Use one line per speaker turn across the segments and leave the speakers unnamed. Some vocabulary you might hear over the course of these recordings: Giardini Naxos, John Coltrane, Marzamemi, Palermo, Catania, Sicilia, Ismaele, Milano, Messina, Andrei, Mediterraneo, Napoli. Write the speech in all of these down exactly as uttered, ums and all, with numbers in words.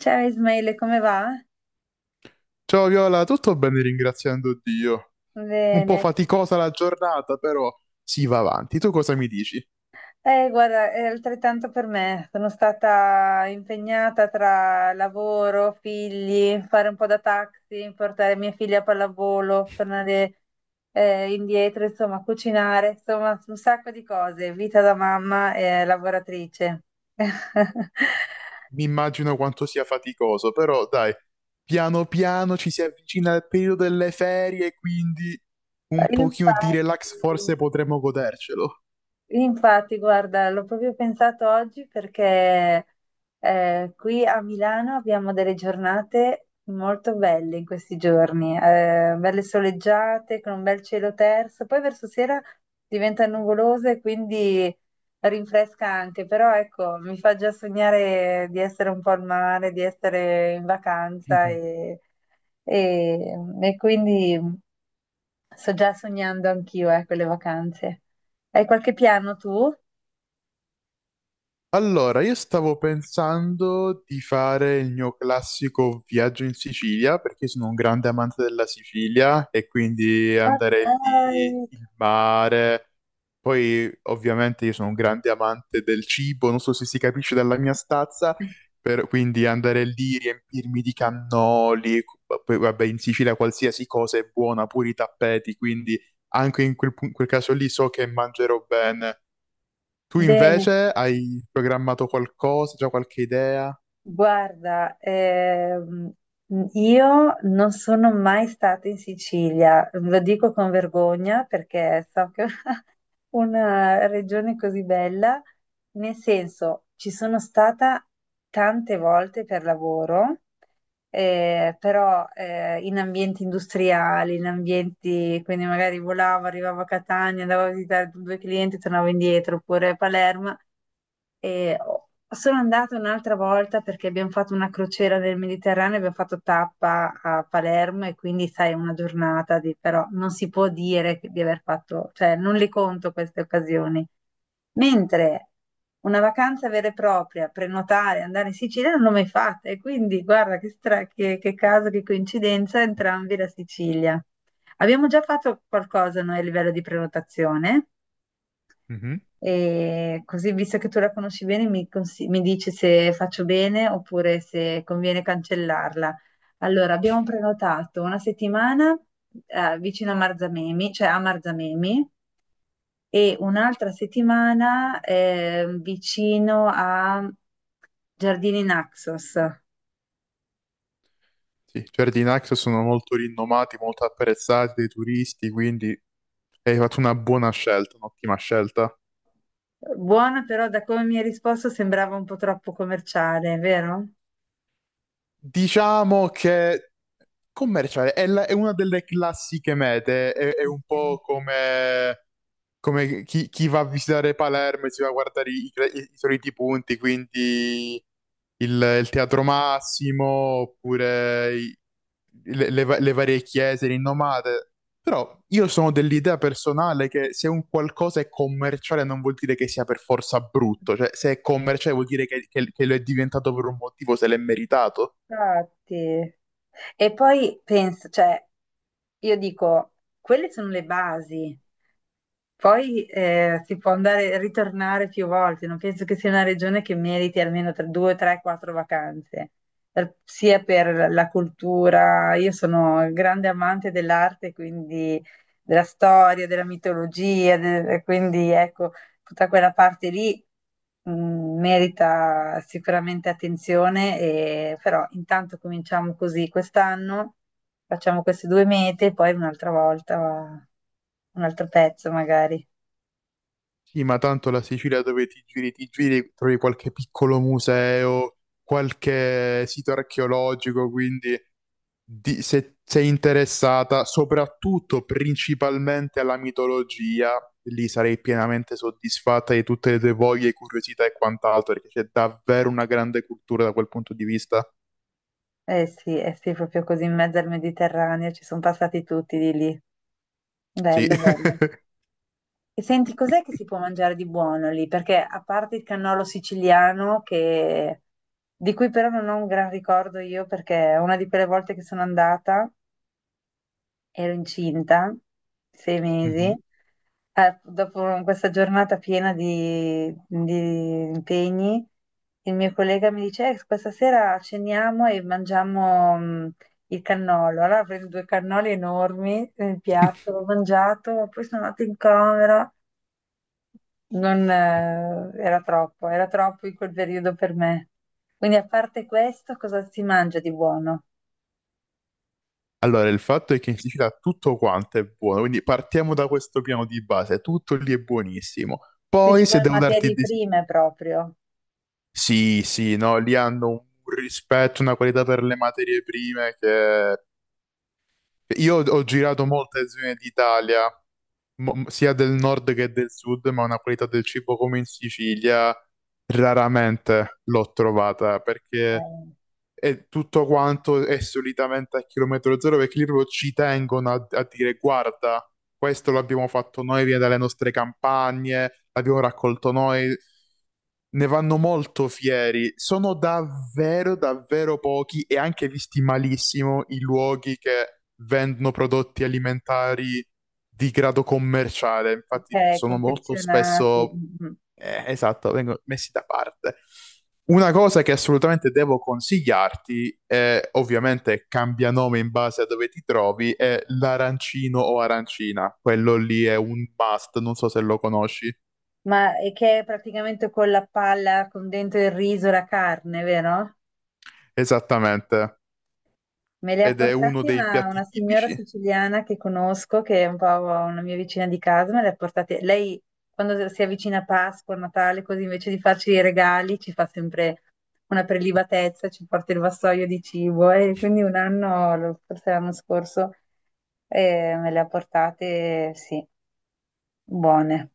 Ciao Ismaele, come va?
Ciao Viola, tutto bene ringraziando Dio. Un po'
Bene.
faticosa la giornata, però si va avanti. Tu cosa mi dici?
Eh, guarda, è altrettanto per me. Sono stata impegnata tra lavoro, figli, fare un po' da taxi, portare mia figlia a pallavolo, tornare eh, indietro, insomma, cucinare, insomma, un sacco di cose. Vita da mamma e lavoratrice.
Mi immagino quanto sia faticoso, però dai, piano piano ci si avvicina al periodo delle ferie, quindi un pochino di
Infatti,
relax forse potremmo godercelo.
Infatti, guarda, l'ho proprio pensato oggi perché eh, qui a Milano abbiamo delle giornate molto belle in questi giorni, eh, belle soleggiate con un bel cielo terso, poi verso sera diventa nuvoloso e quindi rinfresca anche, però ecco, mi fa già sognare di essere un po' al mare, di essere in vacanza e, e- e quindi sto già sognando anch'io, ecco, le vacanze. Hai qualche piano tu?
Allora, io stavo pensando di fare il mio classico viaggio in Sicilia perché sono un grande amante della Sicilia e quindi
Ma
andare
dai.
lì, il mare. Poi, ovviamente, io sono un grande amante del cibo, non so se si capisce dalla mia stazza, per- quindi andare lì, riempirmi di cannoli, poi vabbè, in Sicilia qualsiasi cosa è buona, pure i tappeti, quindi anche in quel, pu- quel caso lì so che mangerò bene. Tu
Bene,
invece hai programmato qualcosa, già qualche idea?
guarda, ehm, io non sono mai stata in Sicilia, lo dico con vergogna perché so che è una regione così bella, nel senso ci sono stata tante volte per lavoro, eh, però eh, in ambienti industriali, in ambienti, quindi magari volavo, arrivavo a Catania, andavo a visitare due clienti, tornavo indietro, oppure a Palermo. E sono andata un'altra volta perché abbiamo fatto una crociera nel Mediterraneo, abbiamo fatto tappa a Palermo e quindi sai, una giornata di, però non si può dire che- di aver fatto, cioè non le conto queste occasioni. Mentre una vacanza vera e propria, prenotare, andare in Sicilia non l'ho mai fatta e quindi guarda che, stra- che, che caso, che coincidenza, entrambi la Sicilia. Abbiamo già fatto qualcosa noi a livello di prenotazione.
Mhm.
E così, visto che tu la conosci bene, mi, consi- mi dici se faccio bene oppure se conviene cancellarla. Allora, abbiamo prenotato una settimana eh, vicino a Marzamemi, cioè a Marzamemi, e un'altra settimana eh, vicino a Giardini Naxos.
Sì, i giardini Naxos sono molto rinomati, molto apprezzati dai turisti, quindi hai fatto una buona scelta, un'ottima scelta.
Buona, però da come mi hai risposto sembrava un po' troppo commerciale, vero?
Diciamo che commerciale è, la- è una delle classiche mete, è, è un
Ok.
po' come come chi, chi va a visitare Palermo e si va a guardare i, i- i soliti punti, quindi il, il Teatro Massimo, oppure i- le, le va- le varie chiese rinomate. Però io sono dell'idea personale che se un qualcosa è commerciale non vuol dire che sia per forza brutto, cioè se è commerciale vuol dire che, che- che lo è diventato per un motivo, se l'è meritato.
Infatti. E poi penso, cioè, io dico, quelle sono le basi, poi eh, si può andare ritornare più volte, non penso che sia una regione che meriti almeno tre, due, tre, quattro vacanze. Per- sia per la cultura, io sono grande amante dell'arte, quindi della storia, della mitologia, de- quindi ecco, tutta quella parte lì mh, merita sicuramente attenzione, e- però intanto cominciamo così quest'anno. Facciamo queste due mete e poi un'altra volta un altro pezzo magari.
Sì, ma tanto la Sicilia dove ti giri, ti giri, trovi qualche piccolo museo, qualche sito archeologico, quindi di- se sei interessata soprattutto principalmente alla mitologia, lì sarei pienamente soddisfatta di tutte le tue voglie, curiosità e quant'altro, perché c'è davvero una grande cultura da quel punto di vista.
Eh sì, eh sì, proprio così in mezzo al Mediterraneo ci sono passati tutti di lì.
Sì.
Bello, bello. E senti, cos'è che si può mangiare di buono lì? Perché a parte il cannolo siciliano, che- di cui però non ho un gran ricordo io, perché una di quelle volte che sono andata ero incinta, sei mesi.
Mhm.
Eh, dopo questa giornata piena di, di impegni, il mio collega mi dice: "Eh, questa sera ceniamo e mangiamo mh, il cannolo." Allora ho preso due cannoli enormi nel piatto, l'ho mangiato, poi sono andata in camera. Non, eh, era troppo, era troppo in quel periodo per me. Quindi, a parte questo, cosa si mangia di buono?
Allora, il fatto è che in Sicilia tutto quanto è buono, quindi partiamo da questo piano di base, tutto lì è buonissimo. Poi, se
Principalmente
devo darti
materie
dei...
prime proprio,
Sì, sì, no, lì hanno un rispetto, una qualità per le materie prime che... Io ho ho girato molte zone d'Italia, mo- sia del nord che del sud, ma una qualità del cibo come in Sicilia raramente l'ho trovata, perché
eh,
e tutto quanto è solitamente a chilometro zero perché lì proprio ci tengono a, a dire guarda, questo l'abbiamo fatto noi, viene dalle nostre campagne, l'abbiamo raccolto noi, ne vanno molto fieri. Sono davvero, davvero pochi e anche visti malissimo i luoghi che vendono prodotti alimentari di grado commerciale.
ok,
Infatti sono molto
confezionati.
spesso
Mm, mm.
eh, esatto, vengono messi da parte. Una cosa che assolutamente devo consigliarti, eh, ovviamente cambia nome in base a dove ti trovi, è l'arancino o arancina. Quello lì è un must, non so se lo conosci.
Ma è che è praticamente con la palla, con dentro il riso, la carne, vero?
Esattamente.
Me le ha
Ed è uno
portate
dei
una, una
piatti
signora
tipici.
siciliana che conosco, che è un po' una mia vicina di casa, me le ha portate. Lei, quando si avvicina a Pasqua, a Natale, così invece di farci i regali, ci fa sempre una prelibatezza, ci porta il vassoio di cibo. E quindi un anno, forse l'anno scorso, eh, me le ha portate, sì, buone.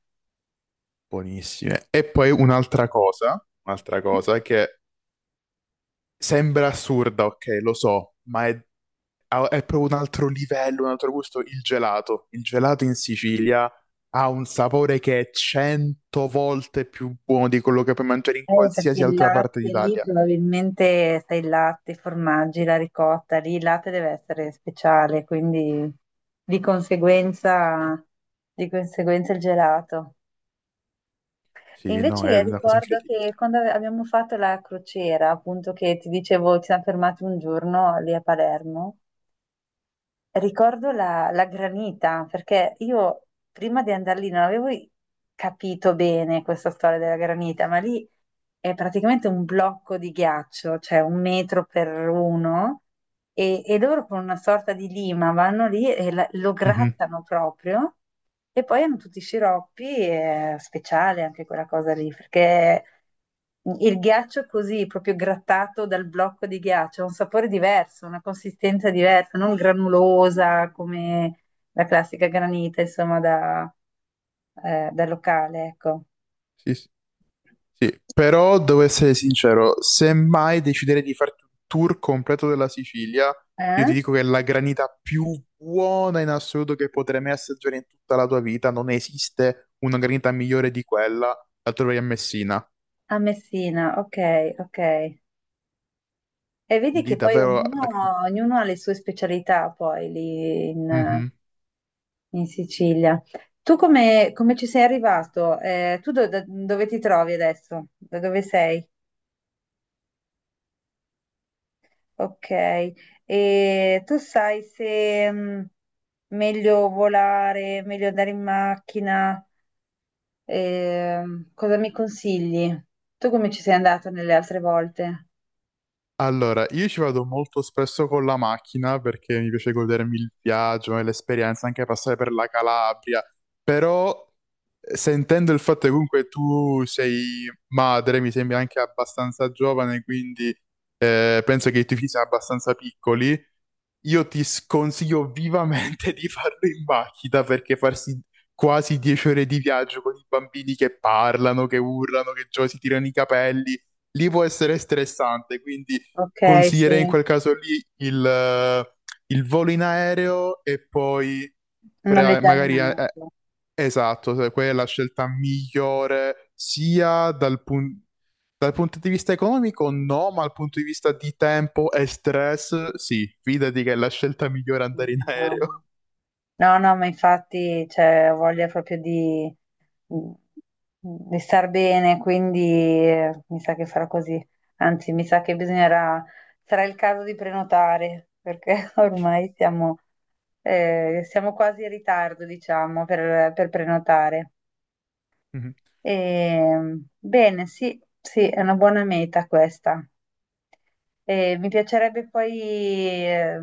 Buonissime. E poi un'altra cosa, un'altra cosa che sembra assurda, ok, lo so, ma è ha- è proprio un altro livello, un altro gusto. Il gelato. Il gelato in Sicilia ha un sapore che è cento volte più buono di quello che puoi mangiare in
Eh, perché
qualsiasi
il
altra parte
latte lì
d'Italia.
probabilmente sai il latte, i formaggi, la ricotta, lì il latte deve essere speciale, quindi di conseguenza, di conseguenza il gelato. E
Sì, no,
invece
è
io
una cosa
ricordo che
incredibile.
quando ave- abbiamo fatto la crociera, appunto che ti dicevo, ci siamo fermati un giorno lì a Palermo. Ricordo la, la granita, perché io prima di andare lì non avevo i- capito bene questa storia della granita, ma lì è praticamente un blocco di ghiaccio, cioè un metro per uno, e, e loro con una sorta di lima vanno lì e la- lo
Mhm.
grattano proprio e poi hanno tutti i sciroppi, è speciale anche quella cosa lì, perché il ghiaccio così, proprio grattato dal blocco di ghiaccio, ha un sapore diverso, una consistenza diversa, non granulosa come la classica granita, insomma, da, eh, da locale, ecco.
Sì, sì. Sì. Però devo essere sincero, se mai deciderei di farti un tour completo della Sicilia, io ti
Eh?
dico che la granita più buona in assoluto che potrai mai assaggiare in tutta la tua vita, non esiste una granita migliore di quella, la troverai a Messina.
A Messina, ok, ok. E vedi
Lì
che poi
davvero... la- granita.
ognuno, ognuno ha le sue specialità poi lì in,
Mhm.
in Sicilia. Tu come, come ci sei arrivato? Eh, tu do- da- dove ti trovi adesso? Da dove sei? Ok. E tu sai se mm, meglio volare, meglio andare in macchina? Ehm, cosa mi consigli? Tu come ci sei andato nelle altre volte?
Allora, io ci vado molto spesso con la macchina perché mi piace godermi il viaggio e l'esperienza, anche passare per la Calabria, però eh, sentendo il fatto che comunque tu sei madre, mi sembri anche abbastanza giovane, quindi eh, penso che i tuoi figli siano abbastanza piccoli. Io ti sconsiglio vivamente di farlo in macchina perché farsi quasi dieci ore di viaggio con i bambini che parlano, che urlano, che già si tirano i capelli, lì può essere stressante, quindi
Ok, sì.
consiglierei in quel caso lì il, eh, il volo in aereo e poi pre-
Noleggiare
magari eh, eh,
un'auto.
esatto, se quella è la scelta migliore sia dal, pun- dal punto di vista economico, no, ma dal punto di vista di tempo e stress, sì, fidati che è la scelta migliore andare in
Sì, no,
aereo.
no. No, no, ma infatti, cioè, ho voglia proprio di, di star bene, quindi eh, mi sa che farò così. Anzi, mi sa che bisognerà, sarà il caso di prenotare, perché ormai siamo, eh, siamo quasi in ritardo, diciamo, per, per prenotare.
Mhm.
E, bene, sì, sì, è una buona meta questa. E mi piacerebbe poi, eh,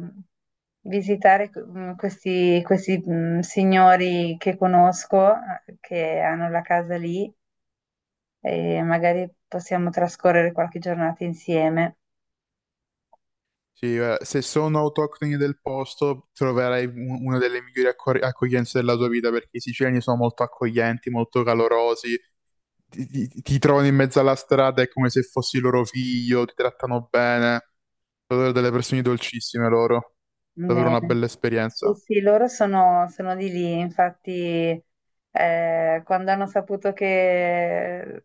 visitare mm, questi, questi, mm, signori che conosco, eh, che hanno la casa lì, e magari possiamo trascorrere qualche giornata insieme.
Sì, eh, se sono autoctoni del posto, troverai un- una delle migliori accor- accoglienze della tua vita perché i siciliani sono molto accoglienti, molto calorosi, ti, ti- ti trovano in mezzo alla strada, è come se fossi loro figlio, ti trattano bene, sono delle persone dolcissime loro. Davvero
Bene.
una bella
Sì,
esperienza.
sì, loro sono, sono di lì, infatti, eh, quando hanno saputo che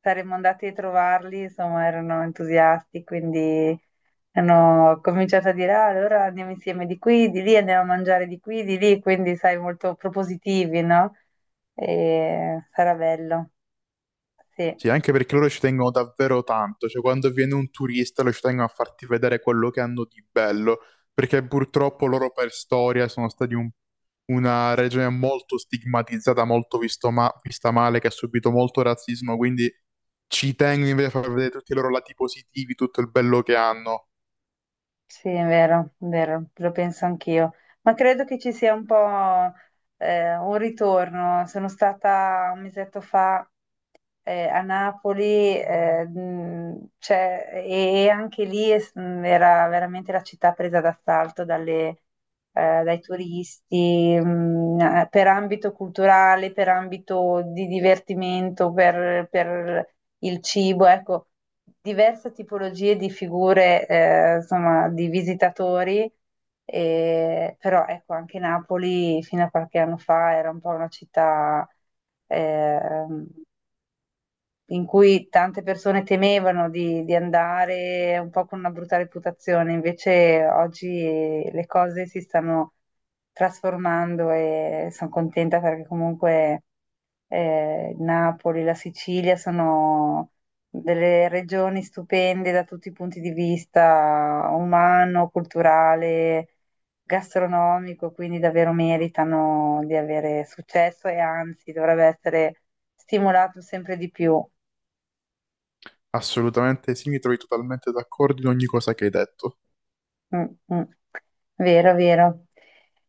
saremmo andati a trovarli, insomma, erano entusiasti, quindi hanno cominciato a dire, "Ah, allora andiamo insieme di qui, di lì, andiamo a mangiare di qui, di lì," quindi, sai, molto propositivi, no? E sarà bello. Sì,
Sì, anche perché loro ci tengono davvero tanto, cioè quando viene un turista loro ci tengono a farti vedere quello che hanno di bello, perché purtroppo loro per storia sono stati un- una regione molto stigmatizzata, molto visto ma- vista male, che ha subito molto razzismo, quindi ci tengo invece a far vedere tutti i loro lati positivi, tutto il bello che hanno.
sì, è vero, è vero, lo penso anch'io. Ma credo che ci sia un po' eh, un ritorno. Sono stata un mesetto fa eh, a Napoli, eh, mh, cioè, e, e anche lì è s- mh, era veramente la città presa d'assalto dalle- eh, dai turisti, mh, eh, per ambito culturale, per ambito di divertimento, per, per il cibo, ecco, diverse tipologie di figure, eh, insomma, di visitatori. E- però ecco, anche Napoli fino a qualche anno fa era un po' una città ehm, in cui tante persone temevano di, di andare un po' con una brutta reputazione, invece oggi le cose si stanno trasformando e sono contenta perché comunque eh, Napoli, la Sicilia sono delle regioni stupende da tutti i punti di vista umano, culturale, gastronomico, quindi davvero meritano di avere successo e anzi dovrebbe essere stimolato sempre di più.
Assolutamente sì, mi trovi totalmente d'accordo in ogni cosa che hai detto.
Mm, mm. Vero, vero.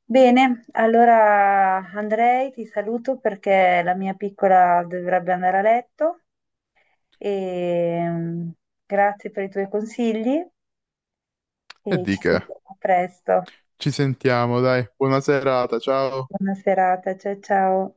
Bene, allora Andrei ti saluto perché la mia piccola dovrebbe andare a letto e mm, grazie per i tuoi consigli
E
e
di
ci
che?
sentiamo presto.
Ci sentiamo, dai, buona serata, ciao.
Buona serata, ciao ciao.